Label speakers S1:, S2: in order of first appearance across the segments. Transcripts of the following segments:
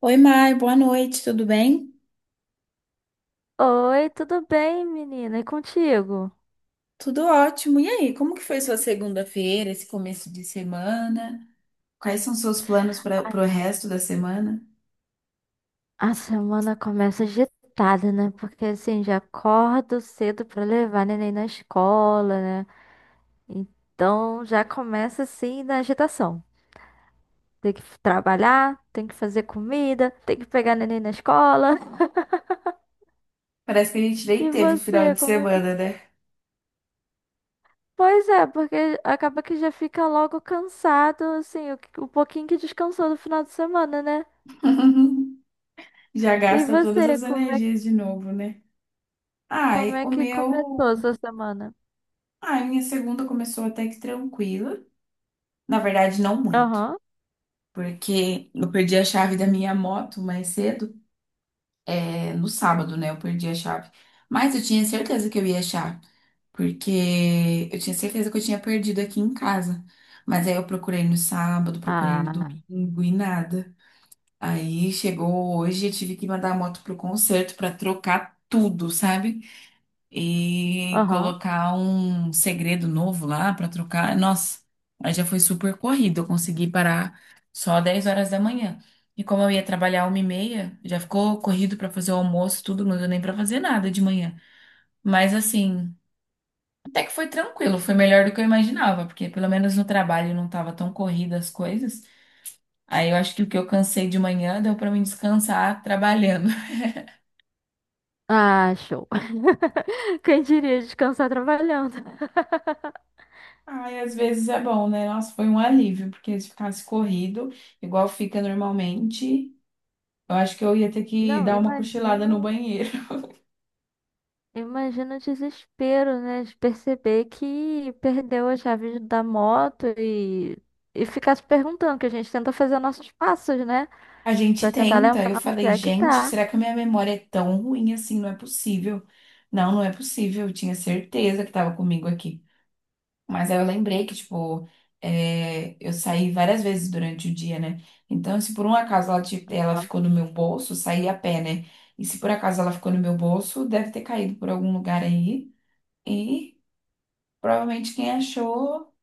S1: Oi, Mai, boa noite, tudo bem?
S2: Oi, tudo bem, menina? E contigo?
S1: Tudo ótimo. E aí, como que foi sua segunda-feira, esse começo de semana? Quais são seus planos para o resto da semana?
S2: A semana começa agitada, né? Porque assim, já acordo cedo pra levar neném na escola, né? Então já começa assim na agitação. Tem que trabalhar, tem que fazer comida, tem que pegar neném na escola.
S1: Parece que a gente nem
S2: E
S1: teve o final
S2: você,
S1: de
S2: como é que.
S1: semana, né?
S2: Pois é, porque acaba que já fica logo cansado, assim, o pouquinho que descansou do final de semana, né?
S1: Já
S2: E
S1: gasta todas
S2: você,
S1: as energias de novo, né?
S2: como
S1: Ai,
S2: é
S1: o
S2: que começou a
S1: meu.
S2: sua semana?
S1: Ai, minha segunda começou até que tranquila. Na verdade, não muito.
S2: Aham.
S1: Porque eu perdi a chave da minha moto mais cedo. É, no sábado, né? Eu perdi a chave. Mas eu tinha certeza que eu ia achar, porque eu tinha certeza que eu tinha perdido aqui em casa. Mas aí eu procurei no sábado, procurei no
S2: Ah,
S1: domingo e nada. Aí chegou hoje, eu tive que mandar a moto pro concerto pra trocar tudo, sabe? E
S2: aham.
S1: colocar um segredo novo lá pra trocar. Nossa, aí já foi super corrido. Eu consegui parar só 10 horas da manhã. E como eu ia trabalhar 1h30, já ficou corrido pra fazer o almoço, tudo, não deu nem pra fazer nada de manhã. Mas assim, até que foi tranquilo, foi melhor do que eu imaginava, porque pelo menos no trabalho não estava tão corrida as coisas. Aí eu acho que o que eu cansei de manhã deu para mim descansar trabalhando.
S2: Ah, show. Quem diria descansar trabalhando?
S1: Ai, às vezes é bom, né? Nossa, foi um alívio, porque se ficasse corrido, igual fica normalmente, eu acho que eu ia ter que
S2: Não,
S1: dar uma cochilada no
S2: imagino,
S1: banheiro.
S2: imagino o desespero, né? De perceber que perdeu a chave da moto e ficar se perguntando, que a gente tenta fazer nossos passos, né?
S1: A gente
S2: Pra tentar
S1: tenta, eu
S2: lembrar onde
S1: falei,
S2: é que
S1: gente,
S2: tá.
S1: será que a minha memória é tão ruim assim? Não é possível. Não, não é possível. Eu tinha certeza que estava comigo aqui. Mas aí eu lembrei que, tipo, é, eu saí várias vezes durante o dia, né? Então, se por um acaso ela
S2: Aham.
S1: ficou no meu bolso, eu saí a pé, né? E se por acaso ela ficou no meu bolso, deve ter caído por algum lugar aí. E provavelmente quem achou,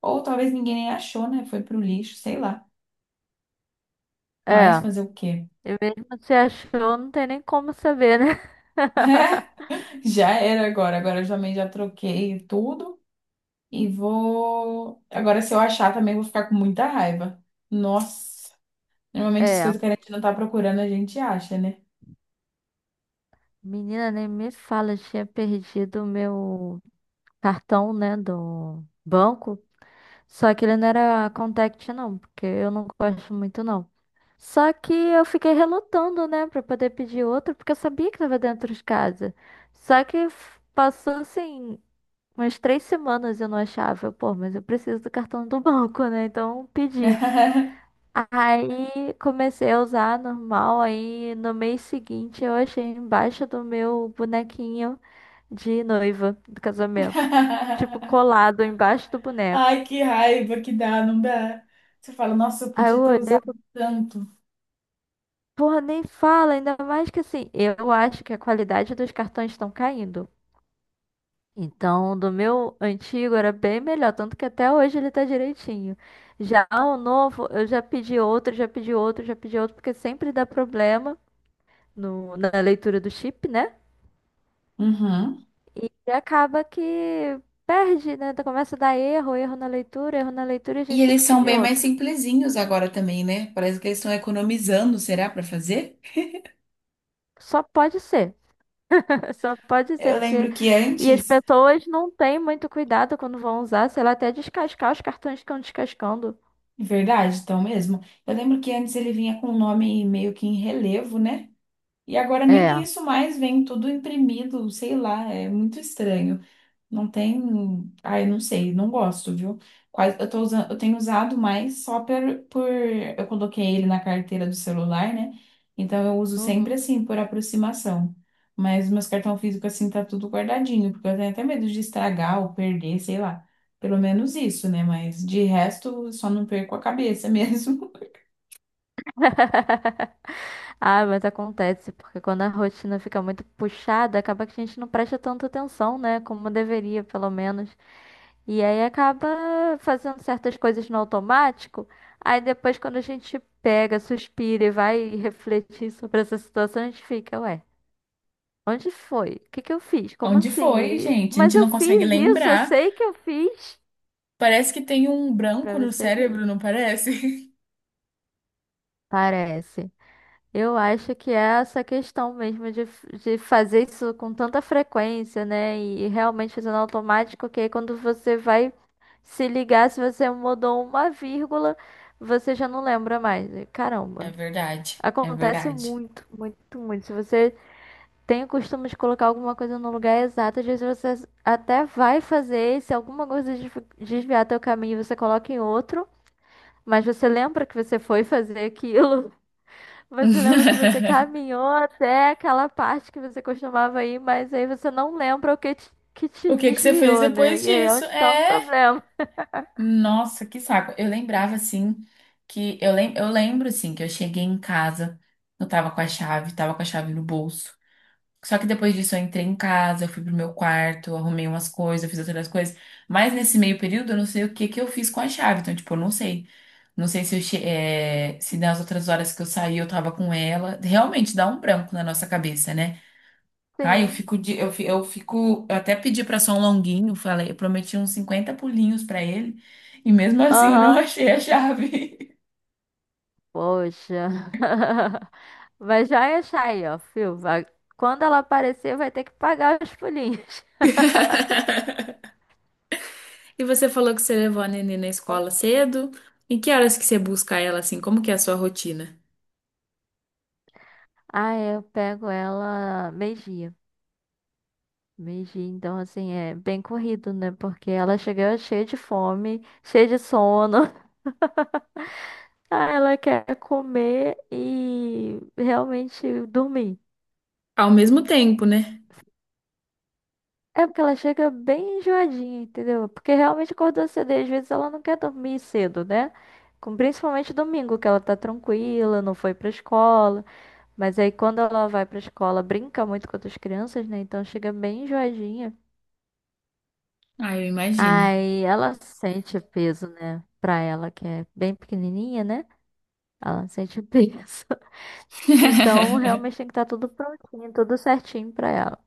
S1: ou talvez ninguém nem achou, né? Foi pro lixo, sei lá. Mas
S2: É,
S1: fazer o quê?
S2: e mesmo se achou, não tem nem como saber, né?
S1: Já era agora. Agora eu também já troquei tudo. E vou. Agora, se eu achar, também vou ficar com muita raiva. Nossa. Normalmente as coisas
S2: É,
S1: que a gente não tá procurando, a gente acha, né?
S2: menina, nem me fala, eu tinha perdido o meu cartão, né, do banco. Só que ele não era contact, não, porque eu não gosto muito, não. Só que eu fiquei relutando, né, pra poder pedir outro, porque eu sabia que tava dentro de casa. Só que passou, assim, umas 3 semanas e eu não achava. Eu, pô, mas eu preciso do cartão do banco, né? Então pedi. Aí comecei a usar normal, aí no mês seguinte eu achei embaixo do meu bonequinho de noiva do casamento. Tipo, colado embaixo do boneco.
S1: Ai, que raiva que dá, não dá. Você fala, nossa, eu
S2: Aí eu
S1: podia ter
S2: olhei e
S1: usado
S2: falei,
S1: tanto.
S2: porra, nem fala, ainda mais que assim, eu acho que a qualidade dos cartões estão caindo. Então, do meu antigo era bem melhor, tanto que até hoje ele tá direitinho. Já o novo, eu já pedi outro, já pedi outro, já pedi outro, porque sempre dá problema no, na leitura do chip, né?
S1: Uhum.
S2: E acaba que perde, né? Então começa a dar erro, erro na leitura e a
S1: E
S2: gente tem
S1: eles
S2: que
S1: são
S2: pedir
S1: bem mais
S2: outro.
S1: simplesinhos agora também, né? Parece que eles estão economizando, será, para fazer?
S2: Só pode ser. Só pode ser,
S1: Eu
S2: porque.
S1: lembro que
S2: E as
S1: antes,
S2: pessoas não têm muito cuidado quando vão usar, sei lá, até descascar os cartões que estão descascando.
S1: verdade, então mesmo. Eu lembro que antes ele vinha com o nome meio que em relevo, né? E agora nem
S2: É.
S1: isso mais vem tudo imprimido, sei lá, é muito estranho. Não tem. Ai, não sei, não gosto, viu? Quase, eu tô usando, eu tenho usado mais só por. Eu coloquei ele na carteira do celular, né? Então eu uso sempre
S2: Uhum.
S1: assim, por aproximação. Mas meus cartão físico, assim, tá tudo guardadinho, porque eu tenho até medo de estragar ou perder, sei lá. Pelo menos isso, né? Mas de resto, só não perco a cabeça mesmo.
S2: Ah, mas acontece, porque quando a rotina fica muito puxada, acaba que a gente não presta tanta atenção, né? Como deveria, pelo menos. E aí acaba fazendo certas coisas no automático. Aí depois, quando a gente pega, suspira e vai refletir sobre essa situação, a gente fica, ué, onde foi? O que que eu fiz? Como
S1: Onde
S2: assim?
S1: foi,
S2: Aí,
S1: gente? A
S2: mas
S1: gente
S2: eu
S1: não consegue
S2: fiz isso, eu
S1: lembrar.
S2: sei que eu fiz.
S1: Parece que tem um
S2: Pra
S1: branco no
S2: você ver.
S1: cérebro, não parece?
S2: Parece. Eu acho que é essa questão mesmo de fazer isso com tanta frequência, né? E realmente fazendo automático, que aí quando você vai se ligar, se você mudou uma vírgula, você já não lembra mais. E,
S1: É
S2: caramba,
S1: verdade, é
S2: acontece
S1: verdade.
S2: muito, muito, muito. Se você tem o costume de colocar alguma coisa no lugar exato, às vezes você até vai fazer, e se alguma coisa desviar teu caminho, você coloca em outro, mas você lembra que você foi fazer aquilo. Você lembra que você caminhou até aquela parte que você costumava ir, mas aí você não lembra que te
S1: O que que você fez
S2: desviou, né?
S1: depois
S2: E aí é
S1: disso?
S2: onde tá o
S1: É,
S2: problema.
S1: nossa, que saco. Eu lembrava assim que eu lembro assim que eu cheguei em casa, eu tava com a chave, tava com a chave no bolso. Só que depois disso eu entrei em casa, eu fui pro meu quarto, eu arrumei umas coisas, eu fiz outras coisas. Mas nesse meio período eu não sei o que que eu fiz com a chave. Então, tipo, eu não sei. Não sei se se nas outras horas que eu saí eu tava com ela. Realmente dá um branco na nossa cabeça, né? Ai, eu
S2: Sim.
S1: fico de, eu, fi- eu fico, eu até pedi pra só um longuinho, falei, eu prometi uns 50 pulinhos pra ele, e mesmo assim eu não
S2: Aham.
S1: achei a chave.
S2: Poxa. Mas já ia achar aí, ó, fio. Vai- Quando ela aparecer, vai ter que pagar os pulinhos.
S1: E você falou que você levou a Nenê na escola cedo. Em que horas que você busca ela assim? Como que é a sua rotina?
S2: Ah, é, eu pego ela meio-dia. Meio-dia, então, assim, é bem corrido, né? Porque ela chega cheia de fome, cheia de sono. Ah, ela quer comer e realmente dormir.
S1: Ao mesmo tempo, né?
S2: É porque ela chega bem enjoadinha, entendeu? Porque realmente acordou cedo e às vezes ela não quer dormir cedo, né? Principalmente domingo, que ela tá tranquila, não foi pra escola. Mas aí quando ela vai pra escola, brinca muito com outras crianças, né? Então chega bem enjoadinha.
S1: Ah, eu imagino.
S2: Aí ela sente o peso, né? Pra ela, que é bem pequenininha, né? Ela sente o peso. Então realmente tem que estar tudo prontinho, tudo certinho pra ela.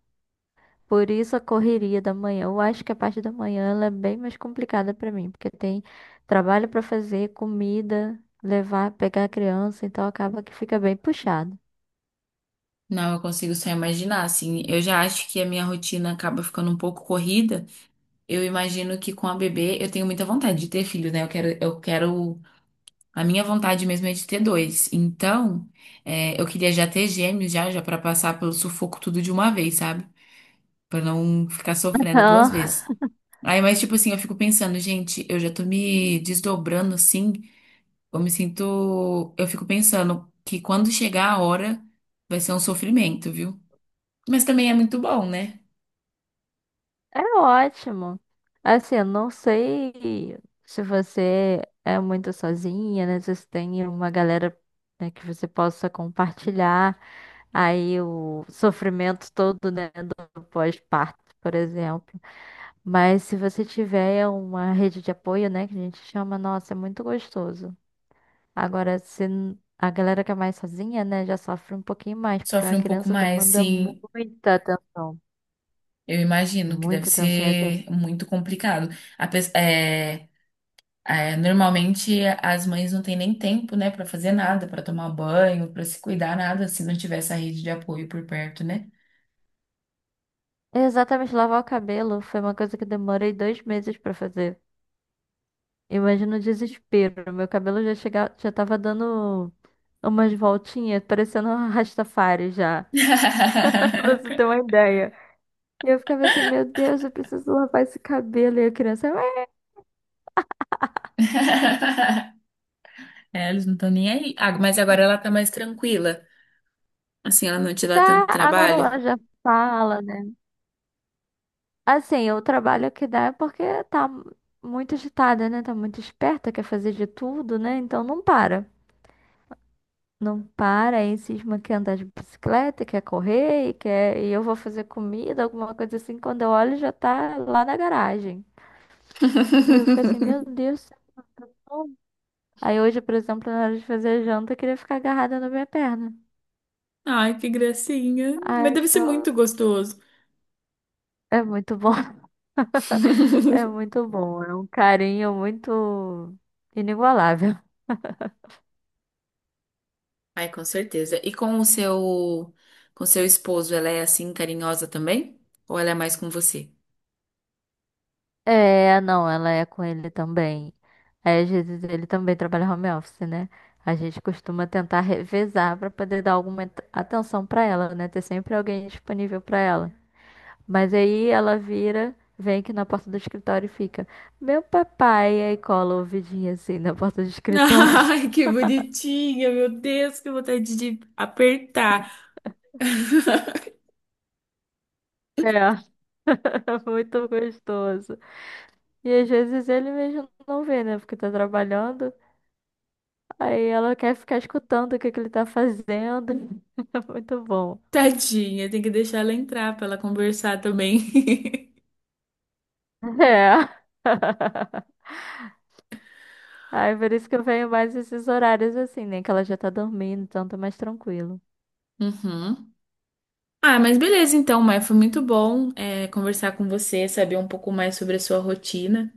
S2: Por isso a correria da manhã. Eu acho que a parte da manhã ela é bem mais complicada pra mim, porque tem trabalho pra fazer, comida, levar, pegar a criança, então acaba que fica bem puxado.
S1: Não, eu consigo só imaginar, assim. Eu já acho que a minha rotina acaba ficando um pouco corrida. Eu imagino que com a bebê eu tenho muita vontade de ter filho, né? Eu quero. A minha vontade mesmo é de ter dois. Então, é, eu queria já ter gêmeos já, já para passar pelo sufoco tudo de uma vez, sabe? Para não ficar sofrendo duas
S2: Então,
S1: vezes. Aí, mas tipo assim, eu fico pensando, gente, eu já tô me desdobrando assim, eu me sinto, eu fico pensando que quando chegar a hora vai ser um sofrimento, viu? Mas também é muito bom, né?
S2: é ótimo. Assim, eu não sei se você é muito sozinha, né? Se você tem uma galera, né, que você possa compartilhar aí o sofrimento todo, né, do pós-parto, por exemplo. Mas se você tiver uma rede de apoio, né, que a gente chama, nossa, é muito gostoso. Agora, se a galera que é mais sozinha, né, já sofre um pouquinho mais, porque uma
S1: Sofre um pouco
S2: criança
S1: mais,
S2: demanda
S1: assim,
S2: muita atenção.
S1: eu imagino que deve
S2: Muita atenção, e assim.
S1: ser muito complicado. A. É, normalmente as mães não têm nem tempo, né, para fazer nada, para tomar banho, para se cuidar, nada, se não tiver essa rede de apoio por perto, né?
S2: Exatamente, lavar o cabelo foi uma coisa que eu demorei 2 meses pra fazer. Imagina o desespero. Meu cabelo já chegava, já tava dando umas voltinhas, parecendo um Rastafari já, pra você ter uma ideia. E eu ficava assim, meu Deus, eu preciso lavar esse cabelo. E a criança, "Ah,
S1: É, eles não estão nem aí. Ah, mas agora ela tá mais tranquila. Assim, ela não te dá
S2: tá,
S1: tanto
S2: agora
S1: trabalho.
S2: ela já fala, né? Assim, o trabalho que dá é porque tá muito agitada, né? Tá muito esperta, quer fazer de tudo, né? Então não para. Não para, aí cisma quer andar de bicicleta, quer correr, e quer... e eu vou fazer comida, alguma coisa assim. Quando eu olho, já tá lá na garagem. E eu fico assim, meu Deus do céu. Aí hoje, por exemplo, na hora de fazer janta, eu queria ficar agarrada na minha perna.
S1: Ai, que gracinha.
S2: Ai,
S1: Mas deve ser muito
S2: eu-
S1: gostoso.
S2: é muito bom. É muito bom, é um carinho muito inigualável.
S1: Ai, com certeza. E com o seu, com seu esposo, ela é assim carinhosa também? Ou ela é mais com você?
S2: É, não, ela é com ele também. Aí, às vezes, ele também trabalha home office, né? A gente costuma tentar revezar pra poder dar atenção pra ela, né? Ter sempre alguém disponível pra ela. Mas aí ela vira, vem aqui na porta do escritório e fica: Meu papai. Aí cola o ouvidinho assim na porta do escritório.
S1: Ai, que bonitinha, meu Deus, que vontade de apertar.
S2: É, muito gostoso. E às vezes ele mesmo não vê, né? Porque tá trabalhando. Aí ela quer ficar escutando o que que ele tá fazendo. É muito bom.
S1: Tadinha, tem que deixar ela entrar pra ela conversar também.
S2: É. Aí por isso que eu venho mais esses horários assim, né? Que ela já tá dormindo, então tá mais tranquilo.
S1: Uhum. Ah, mas beleza então, Maia, foi muito bom é, conversar com você, saber um pouco mais sobre a sua rotina.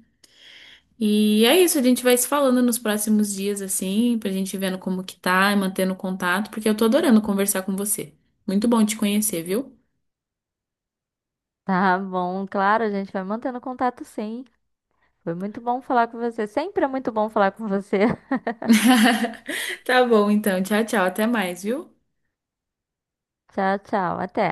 S1: E é isso, a gente vai se falando nos próximos dias, assim, pra gente ir vendo como que tá e mantendo contato, porque eu tô adorando conversar com você. Muito bom te conhecer, viu?
S2: Tá bom, claro, a gente vai mantendo contato sim. Foi muito bom falar com você. Sempre é muito bom falar com você.
S1: Tá bom, então. Tchau, tchau. Até mais, viu?
S2: Tchau, tchau. Até.